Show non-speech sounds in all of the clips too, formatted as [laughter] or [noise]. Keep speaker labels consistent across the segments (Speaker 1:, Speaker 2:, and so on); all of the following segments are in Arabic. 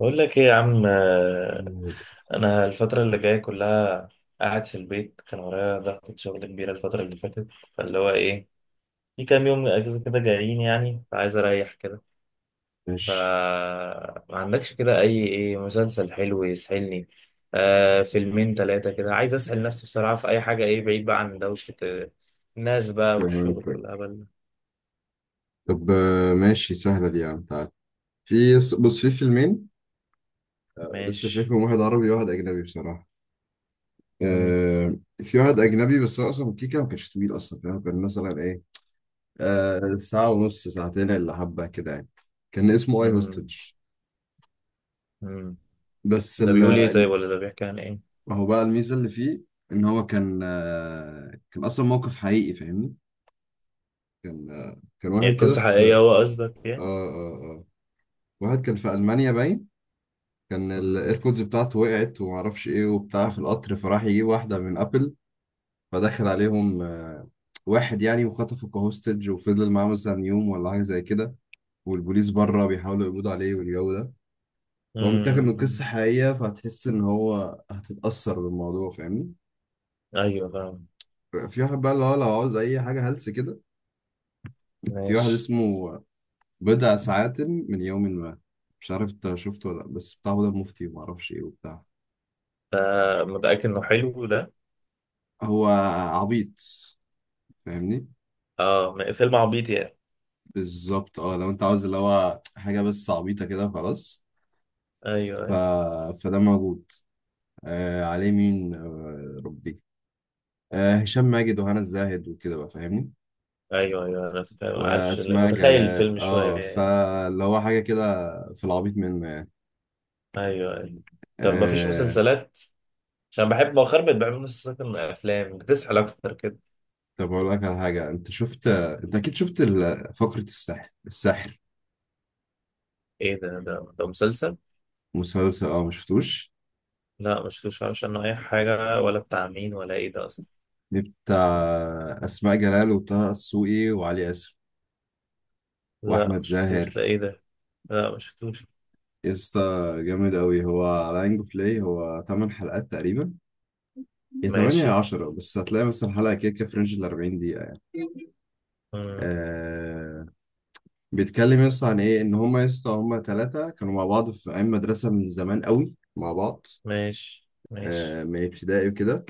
Speaker 1: بقول لك ايه يا عم،
Speaker 2: طيب،
Speaker 1: انا الفتره اللي جايه كلها قاعد في البيت. كان ورايا ضغطة شغل كبيره الفتره اللي فاتت، فاللي هو ايه، في كام يوم اجازه كده جايين، يعني فعايز اريح كده. ف
Speaker 2: ماشي،
Speaker 1: ما عندكش كده ايه مسلسل حلو يسحلني؟ فيلمين ثلاثه كده، عايز اسحل نفسي بصراحه في اي حاجه، ايه، بعيد بقى عن دوشه، الناس بقى والشغل
Speaker 2: فهمتك.
Speaker 1: والهبل ده.
Speaker 2: طب ماشي، سهلة دي يا عم، تعال في بص، في فيلمين لسه
Speaker 1: ماشي.
Speaker 2: شايفهم، واحد عربي وواحد أجنبي بصراحة.
Speaker 1: مم.
Speaker 2: في واحد أجنبي، بس هو أصلا كيكة، ما كانش طويل أصلا فاهم؟ كان مثلا إيه، ساعة ونص، ساعتين إلا حبة كده يعني. كان اسمه أي هوستج.
Speaker 1: مم. مم.
Speaker 2: بس
Speaker 1: ده
Speaker 2: ال
Speaker 1: بيقول ايه طيب،
Speaker 2: ال-
Speaker 1: ولا ده بيحكي عن ايه؟
Speaker 2: هو بقى الميزة اللي فيه إن هو كان أصلا موقف حقيقي فاهمني. كان واحد
Speaker 1: يعني
Speaker 2: كده
Speaker 1: قصه
Speaker 2: في
Speaker 1: حقيقيه
Speaker 2: آه
Speaker 1: هو قصدك يعني؟
Speaker 2: آه آه واحد كان في ألمانيا باين، كان
Speaker 1: مم.
Speaker 2: الايربودز بتاعته وقعت ومعرفش ايه وبتاع في القطر، فراح يجيب واحدة من ابل، فدخل عليهم واحد يعني، وخطفه كهوستج وفضل معاه مثلا يوم ولا حاجة زي كده، والبوليس بره بيحاولوا يقبضوا عليه والجو ده. فهو متاخد من قصة
Speaker 1: مم.
Speaker 2: حقيقية، فهتحس ان هو هتتأثر بالموضوع فاهمني.
Speaker 1: ايوه فاهم.
Speaker 2: في واحد بقى اللي هو لو عاوز اي حاجة هلس كده، في واحد
Speaker 1: ماشي.
Speaker 2: اسمه بضع ساعات من يوم ما. مش عارف انت شفته ولا لأ، بس بتاع هدى المفتي ومعرفش ايه وبتاع.
Speaker 1: متأكد انه حلو ده؟
Speaker 2: هو عبيط فاهمني.
Speaker 1: اه، فيلم عبيط يعني؟
Speaker 2: بالظبط اه، لو انت عاوز اللي هو حاجة بس عبيطة كده وخلاص.
Speaker 1: ايوه
Speaker 2: ف...
Speaker 1: ايوه
Speaker 2: فده موجود. عليه مين، آه ربي، هشام ماجد وهنا الزاهد وكده بقى فاهمني.
Speaker 1: ايوه ايوه انا فاهم، عارف،
Speaker 2: وأسماء
Speaker 1: متخيل
Speaker 2: جلال،
Speaker 1: الفيلم شويه يعني.
Speaker 2: فاللي هو حاجة كده، في العبيط منه يعني.
Speaker 1: ايوه ايوه. طب ما فيش
Speaker 2: آه
Speaker 1: مسلسلات؟ عشان بحب مؤخرا بقيت بحب مسلسلات من الافلام، بتسحل اكتر كده.
Speaker 2: طب أقول لك على حاجة، أنت شفت، أنت أكيد شفت فقرة السحر السحر.
Speaker 1: ايه ده مسلسل؟
Speaker 2: مسلسل، مشفتوش.
Speaker 1: لا ما شفتوش، عارفش عنه اي حاجه، ولا بتاع مين، ولا ايه ده اصلا.
Speaker 2: دي بتاع أسماء جلال وطه السوقي وعلي آسر
Speaker 1: لا
Speaker 2: وأحمد
Speaker 1: ما شفتوش، ده
Speaker 2: زاهر.
Speaker 1: ايه ده؟ لا ما شفتوش.
Speaker 2: يسطا جامد أوي، هو على أنجو بلاي، هو 8 حلقات تقريبا، يا 8 يا
Speaker 1: ماشي.
Speaker 2: 10، بس هتلاقي مثلا حلقة كده كده في رينج 40 دقيقة يعني.
Speaker 1: مم.
Speaker 2: آه بيتكلم يسطا عن إيه، إن هما يسطا هما تلاتة كانوا مع بعض في أيام مدرسة من زمان أوي مع بعض،
Speaker 1: ماشي ماشي.
Speaker 2: من ابتدائي وكده.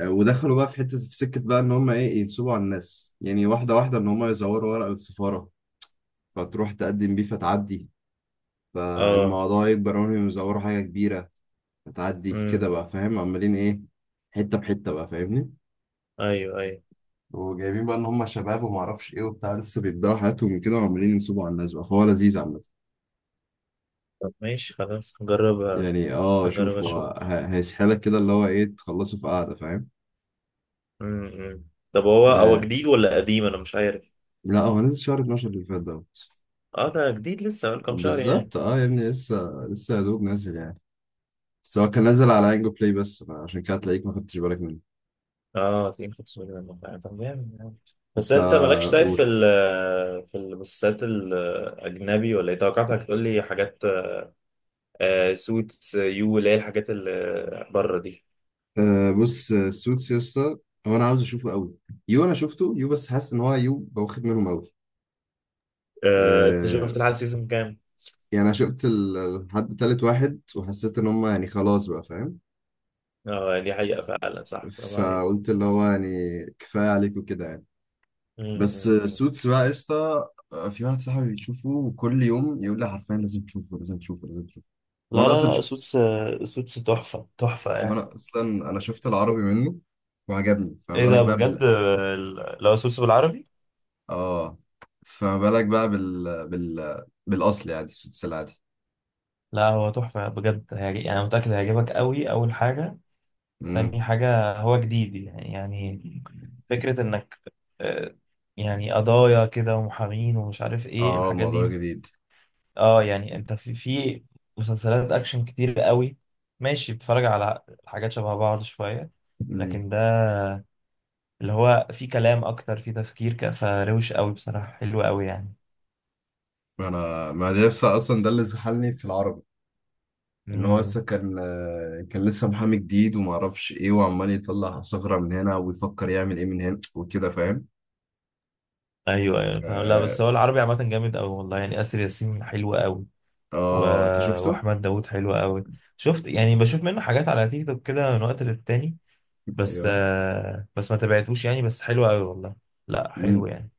Speaker 2: ودخلوا بقى في حتة في سكة، بقى إن هما إيه، ينصبوا على الناس يعني، واحدة واحدة، إن هما يزوروا ورق السفارة، فتروح تقدم بيه فتعدي،
Speaker 1: اه.
Speaker 2: فالموضوع يكبر وهم يزوروا حاجة كبيرة، هتعدي
Speaker 1: مم.
Speaker 2: كده بقى فاهم عمالين ايه، حته بحته بقى فاهمني.
Speaker 1: ايوه ايوه.
Speaker 2: وجايبين بقى ان هم شباب وما اعرفش ايه وبتاع، لسه بيبداوا حياتهم كده وعمالين ينصبوا على الناس بقى، فهو لذيذ عامه.
Speaker 1: طب ماشي خلاص هجرب.
Speaker 2: يعني
Speaker 1: هجرب
Speaker 2: شوف،
Speaker 1: اشوف.
Speaker 2: هيسحلك كده، اللي هو ايه، تخلصه في قعده فاهم.
Speaker 1: امم. طب هو
Speaker 2: آه
Speaker 1: جديد ولا قديم؟ انا مش عارف.
Speaker 2: لا، هو نزل شهر 12 اللي فات دوت.
Speaker 1: اه ده جديد لسه، بقاله كام شهر يعني.
Speaker 2: بالظبط اه يا ابني، لسه لسه، يا دوب نازل يعني. بس هو كان نازل على انجو بلاي بس، فعشان كده تلاقيك ما خدتش بالك منه.
Speaker 1: اه، تلاقيه خد صورة من الموقع. طب جامد يعني. بس
Speaker 2: انت
Speaker 1: انت مالكش طيب،
Speaker 2: قول.
Speaker 1: في المسلسلات الاجنبي ولا ايه؟ توقعتك تقول لي حاجات. سوتس يو، اللي هي الحاجات اللي بره دي.
Speaker 2: آه بص، السوتس يا اسطى، هو انا عاوز اشوفه قوي. يو انا شفته يو، بس حاسس ان هو يو بواخد منهم قوي.
Speaker 1: انت
Speaker 2: آه
Speaker 1: شفت لحد سيزون كام؟
Speaker 2: يعني انا شفت لحد تالت واحد، وحسيت ان هم يعني خلاص بقى فاهم.
Speaker 1: اه دي حقيقة فعلا، صح، برافو عليك.
Speaker 2: فقلت اللي هو يعني كفايه عليك وكده يعني.
Speaker 1: مم.
Speaker 2: بس
Speaker 1: مم. مم.
Speaker 2: سوتس بقى يا اسطى. في واحد صاحبي بيشوفه كل يوم، يقول لي حرفيا لازم تشوفه لازم تشوفه لازم تشوفه.
Speaker 1: لا
Speaker 2: وانا اصلا
Speaker 1: لا لا،
Speaker 2: شفت
Speaker 1: سوتس. سوتس تحفة تحفة يعني.
Speaker 2: وانا اصلا انا شفت العربي منه وعجبني، فما
Speaker 1: ايه
Speaker 2: بالك
Speaker 1: ده
Speaker 2: بقى.
Speaker 1: بجد، لو سوسو بالعربي.
Speaker 2: اه، فما بالك بقى بالاصل يعني، السدس العادي.
Speaker 1: لا هو تحفة بجد هيعجب يعني، أنا متأكد هيعجبك قوي. أول حاجة، تاني
Speaker 2: امم
Speaker 1: حاجة هو جديد يعني فكرة إنك، آه، يعني قضايا كده ومحامين ومش عارف إيه
Speaker 2: اه،
Speaker 1: الحاجات
Speaker 2: موضوع
Speaker 1: دي.
Speaker 2: جديد.
Speaker 1: اه يعني أنت في مسلسلات أكشن كتير قوي. ماشي، بتتفرج على حاجات شبه بعض شوية.
Speaker 2: امم
Speaker 1: لكن ده اللي هو في كلام أكتر، في تفكير، فروش قوي بصراحة، حلو قوي يعني.
Speaker 2: انا ما ده لسه اصلا، ده اللي زحلني في العربي، ان هو
Speaker 1: مم.
Speaker 2: لسه كان لسه محامي جديد وما اعرفش ايه، وعمال يطلع ثغرة من هنا ويفكر يعمل ايه من هنا وكده فاهم.
Speaker 1: ايوه ايوه فاهم. لا
Speaker 2: اه
Speaker 1: بس هو العربي عامه جامد قوي والله، يعني اسر ياسين حلو قوي. و...
Speaker 2: انت شفته.
Speaker 1: واحمد داوود حلو قوي. شفت يعني، بشوف منه حاجات على تيك توك كده من وقت للتاني،
Speaker 2: ايوه.
Speaker 1: بس ما تابعتوش يعني، بس حلو قوي والله. لا حلو
Speaker 2: امم
Speaker 1: يعني.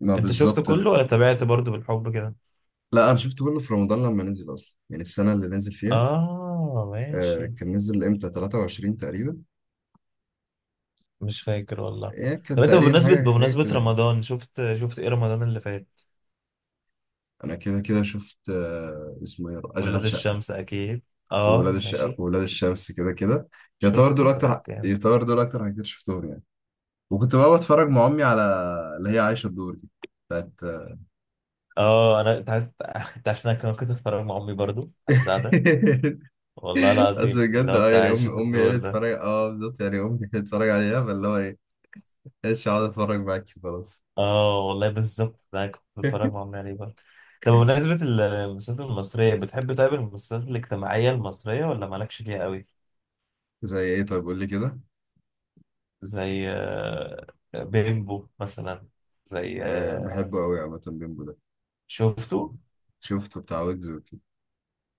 Speaker 2: ما
Speaker 1: انت شفته
Speaker 2: بالظبط.
Speaker 1: كله ولا تابعت برضه بالحب كده؟
Speaker 2: لا، انا شفته كله في رمضان لما نزل، اصلا يعني السنة اللي نزل فيها.
Speaker 1: اه ماشي.
Speaker 2: كان نزل امتى، 23 تقريبا،
Speaker 1: مش فاكر والله.
Speaker 2: يعني
Speaker 1: طب
Speaker 2: كان
Speaker 1: انت
Speaker 2: تقريبا
Speaker 1: بمناسبة
Speaker 2: حاجة حاجة كده يعني.
Speaker 1: رمضان، شفت ايه رمضان اللي فات؟
Speaker 2: أنا كده كده شفت اسمه إيه،
Speaker 1: ولاد
Speaker 2: أشغال شقة
Speaker 1: الشمس اكيد. اه
Speaker 2: وولاد الشقة
Speaker 1: ماشي.
Speaker 2: وولاد الشمس كده كده. يعتبر
Speaker 1: شفته
Speaker 2: دول
Speaker 1: طيب،
Speaker 2: أكتر
Speaker 1: جامد.
Speaker 2: يعتبر دول أكتر حاجات شفتهم يعني. وكنت بقى بتفرج مع أمي على اللي هي عايشة الدور دي، بتاعت [laughs]
Speaker 1: اه، انا، انت عايز [laughs] انت عارف إن انا كنت اتفرج مع امي برضو على البتاع ده، والله
Speaker 2: بس
Speaker 1: العظيم، اللي
Speaker 2: بجد
Speaker 1: هو بتاع
Speaker 2: يعني، أمي
Speaker 1: عايشة في
Speaker 2: أمي هي
Speaker 1: الدور
Speaker 2: اللي
Speaker 1: ده.
Speaker 2: بتتفرج، بالظبط، يعني أمي هي اللي بتتفرج عليها، فاللي هو إيه، مش هقعد أتفرج معاكي خلاص.
Speaker 1: اه والله بالظبط، ده أنا كنت بتفرج
Speaker 2: [laughs]
Speaker 1: مع امي عليه برضو. طب بمناسبة المسلسلات المصرية، بتحب طيب المسلسلات الاجتماعية المصرية ولا مالكش فيها قوي؟
Speaker 2: زي إيه طيب، قول لي كده.
Speaker 1: زي بيمبو مثلا. زي
Speaker 2: أه، بحبه أوي عامة بيمبو ده.
Speaker 1: شفته.
Speaker 2: شفته بتاع ويجز وكده.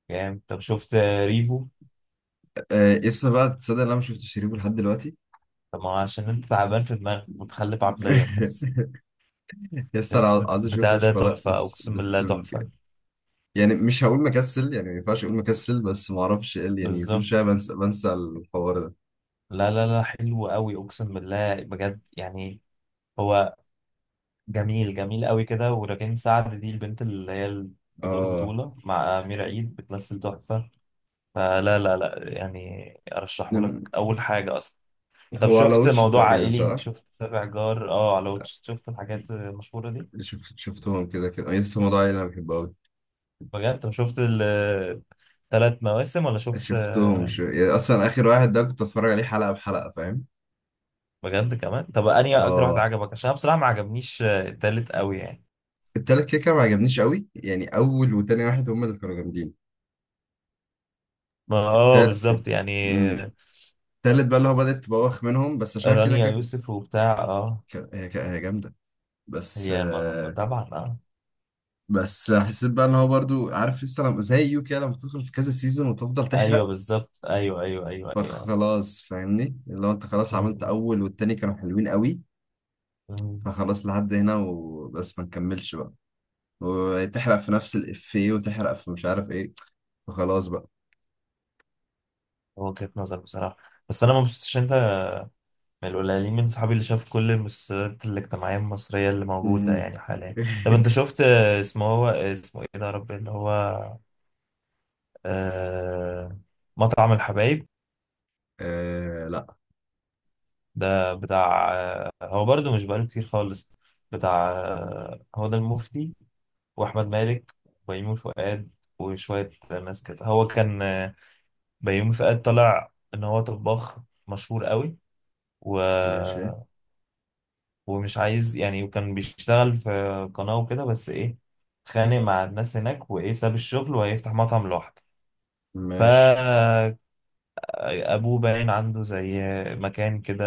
Speaker 1: يعني طب شفت ريفو.
Speaker 2: آه لسه بقى، تصدق إن انا ما شفتش شريفه لحد دلوقتي؟
Speaker 1: طب ما هو عشان انت تعبان في دماغك، متخلف عقليا بس.
Speaker 2: [laughs] يس انا
Speaker 1: بس
Speaker 2: عاوز اشوف،
Speaker 1: بتاع ده
Speaker 2: مش ولا
Speaker 1: تحفة،
Speaker 2: بس
Speaker 1: اقسم بالله
Speaker 2: بس
Speaker 1: تحفة.
Speaker 2: يعني مش هقول مكسل، يعني ما ينفعش اقول مكسل، بس ما اعرفش ايه يعني كل
Speaker 1: بالظبط.
Speaker 2: شويه بنسى بنسى الحوار ده.
Speaker 1: لا لا لا، حلو قوي، اقسم بالله بجد يعني. هو جميل جميل قوي كده، وراجين سعد دي، البنت اللي هي بدور
Speaker 2: اه
Speaker 1: بطولة مع أمير عيد، بتمثل تحفة. فلا لا لا، يعني أرشحه لك
Speaker 2: نم-
Speaker 1: أول حاجة أصلا. طب
Speaker 2: هو على
Speaker 1: شفت
Speaker 2: واتش
Speaker 1: موضوع
Speaker 2: تقريبا
Speaker 1: عائلي،
Speaker 2: صح؟
Speaker 1: شفت سابع جار، اه على واتش، شفت الحاجات المشهورة دي.
Speaker 2: شفتهم كده كده، يس هو ده اللي انا بحبه قوي.
Speaker 1: بجد، طب شفت الثلاث مواسم؟ ولا شفت
Speaker 2: شفتهم يعني اصلا اخر واحد ده، كنت اتفرج عليه حلقه بحلقه فاهم.
Speaker 1: بجد كمان. طب أنهي أكتر واحد
Speaker 2: اه،
Speaker 1: عجبك؟ عشان أنا بصراحة ما عجبنيش التالت قوي يعني.
Speaker 2: التالت كده كده ما عجبنيش قوي يعني، اول وتاني واحد هم اللي كانوا جامدين.
Speaker 1: ما اه
Speaker 2: التال-
Speaker 1: بالظبط يعني.
Speaker 2: مم. التالت بقى اللي هو بدأت تبوخ منهم، بس عشان كده
Speaker 1: رانيا
Speaker 2: كده كنت
Speaker 1: يوسف وبتاع اه.
Speaker 2: ك- هي هي جامدة. بس
Speaker 1: هي ما
Speaker 2: آه،
Speaker 1: طبعا اه.
Speaker 2: بس حسيت بقى ان هو برضو، عارف لسه لما زي يو كده، لما تدخل في كذا سيزون وتفضل
Speaker 1: ايوه
Speaker 2: تحرق،
Speaker 1: بالظبط، ايوه ايوه ايوه ايوه ايوه.
Speaker 2: فخلاص فاهمني، اللي هو انت خلاص عملت
Speaker 1: مم.
Speaker 2: اول والتاني كانوا حلوين قوي،
Speaker 1: مم.
Speaker 2: فخلاص لحد هنا وبس ما نكملش بقى، وتحرق في نفس الافيه وتحرق في مش عارف ايه، فخلاص بقى.
Speaker 1: وجهة نظر بصراحة. بس انا ما بصيتش، انت من القليلين من صحابي اللي شاف كل المسلسلات الاجتماعية المصرية اللي موجودة
Speaker 2: امم.
Speaker 1: يعني حاليا. طب انت
Speaker 2: [laughs]
Speaker 1: شفت اسمه ايه ده يا رب اللي هو، آه مطعم الحبايب.
Speaker 2: آه لا،
Speaker 1: ده بتاع هو برضو مش بقاله كتير خالص، بتاع هو ده المفتي، واحمد مالك، وبيومي فؤاد، وشويه ناس كده. هو كان بيومي فؤاد طلع ان هو طباخ مشهور قوي، و...
Speaker 2: ماشي
Speaker 1: ومش عايز يعني، وكان بيشتغل في قناه وكده بس ايه، خانق مع الناس هناك وايه، ساب الشغل وهيفتح مطعم لوحده. ف
Speaker 2: ماشي.
Speaker 1: ابوه باين عنده زي مكان كده،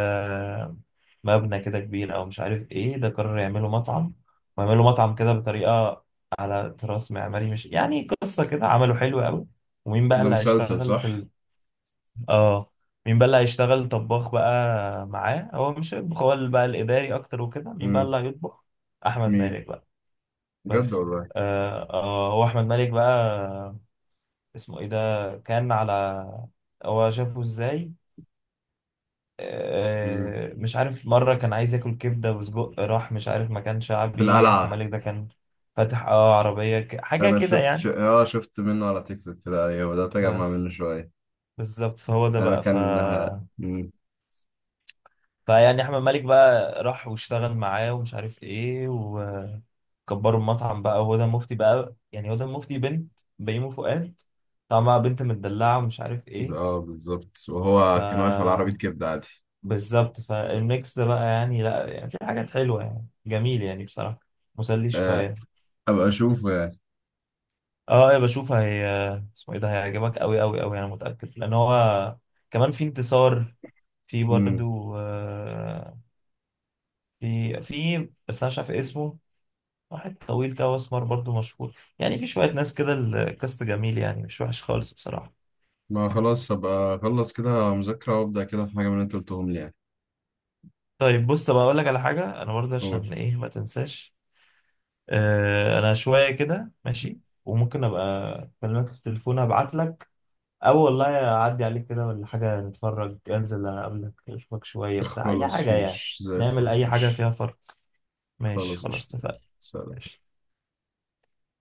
Speaker 1: مبنى كده كبير او مش عارف ايه، ده قرر يعمله مطعم، ويعمله مطعم كده بطريقه، على تراث معماري، مش يعني قصه كده عمله حلو قوي. ومين بقى
Speaker 2: ده
Speaker 1: اللي
Speaker 2: مسلسل
Speaker 1: هيشتغل
Speaker 2: صح؟
Speaker 1: اه مين بقى اللي هيشتغل طباخ بقى معاه؟ هو مش هيطبخ، هو اللي بقى الاداري اكتر وكده. مين بقى اللي
Speaker 2: امم.
Speaker 1: هيطبخ؟ احمد
Speaker 2: مين؟
Speaker 1: مالك بقى.
Speaker 2: بجد
Speaker 1: بس
Speaker 2: والله.
Speaker 1: هو احمد مالك بقى. اسمه ايه ده كان على، هو شافه ازاي،
Speaker 2: امم.
Speaker 1: مش عارف، مرة كان عايز ياكل كبدة وسجق، راح مش عارف مكان
Speaker 2: في
Speaker 1: شعبي، أحمد
Speaker 2: القلعة.
Speaker 1: مالك ده كان فاتح، عربية، حاجة
Speaker 2: انا
Speaker 1: كده
Speaker 2: شفت ش...
Speaker 1: يعني.
Speaker 2: اه شفت منه على تيك توك كده، ايوه بدأت اجمع منه
Speaker 1: بس
Speaker 2: شوية.
Speaker 1: بالظبط، فهو ده
Speaker 2: انا
Speaker 1: بقى.
Speaker 2: كان. مم.
Speaker 1: فيعني أحمد مالك بقى راح واشتغل معاه ومش عارف ايه، وكبروا المطعم بقى، وهدى مفتي بقى يعني هدى مفتي بنت بيومي فؤاد، طعمها بنت متدلعة ومش عارف ايه.
Speaker 2: اه بالظبط،
Speaker 1: ف
Speaker 2: وهو كان واقف على عربية كبدة عادي.
Speaker 1: بالظبط، فالميكس ده بقى يعني، لا يعني في حاجات حلوة يعني، جميل يعني بصراحة، مسلي
Speaker 2: آه
Speaker 1: شوية.
Speaker 2: ابقى اشوفه يعني.
Speaker 1: اه، ايه بشوف هي اسمه ايه ده، هيعجبك قوي قوي قوي، انا متاكد. لان هو كمان في انتصار، في
Speaker 2: مم.
Speaker 1: برضو في، بس انا مش عارف اسمه. واحد طويل كده واسمر، برضو مشهور يعني، في شويه ناس كده، الكاست جميل يعني مش وحش خالص بصراحه.
Speaker 2: ما خلاص، ابقى اخلص كده مذاكرة وابدأ كده في حاجة من اللي انت قلتهم لي يعني.
Speaker 1: طيب بص، طب اقول لك على حاجه انا برضه
Speaker 2: قول.
Speaker 1: عشان ايه ما تنساش. انا شويه كده ماشي، وممكن ابقى اكلمك في التليفون، ابعت لك، أو والله أعدي عليك كده ولا حاجة نتفرج، أنزل أقابلك أشوفك شوية بتاع أي
Speaker 2: خلاص،
Speaker 1: حاجة يعني،
Speaker 2: مش زي
Speaker 1: نعمل
Speaker 2: الفل
Speaker 1: أي حاجة
Speaker 2: مش.
Speaker 1: فيها فرق. ماشي
Speaker 2: خلاص،
Speaker 1: خلاص
Speaker 2: اشتغل،
Speaker 1: اتفقنا.
Speaker 2: سلام.
Speaker 1: ماشي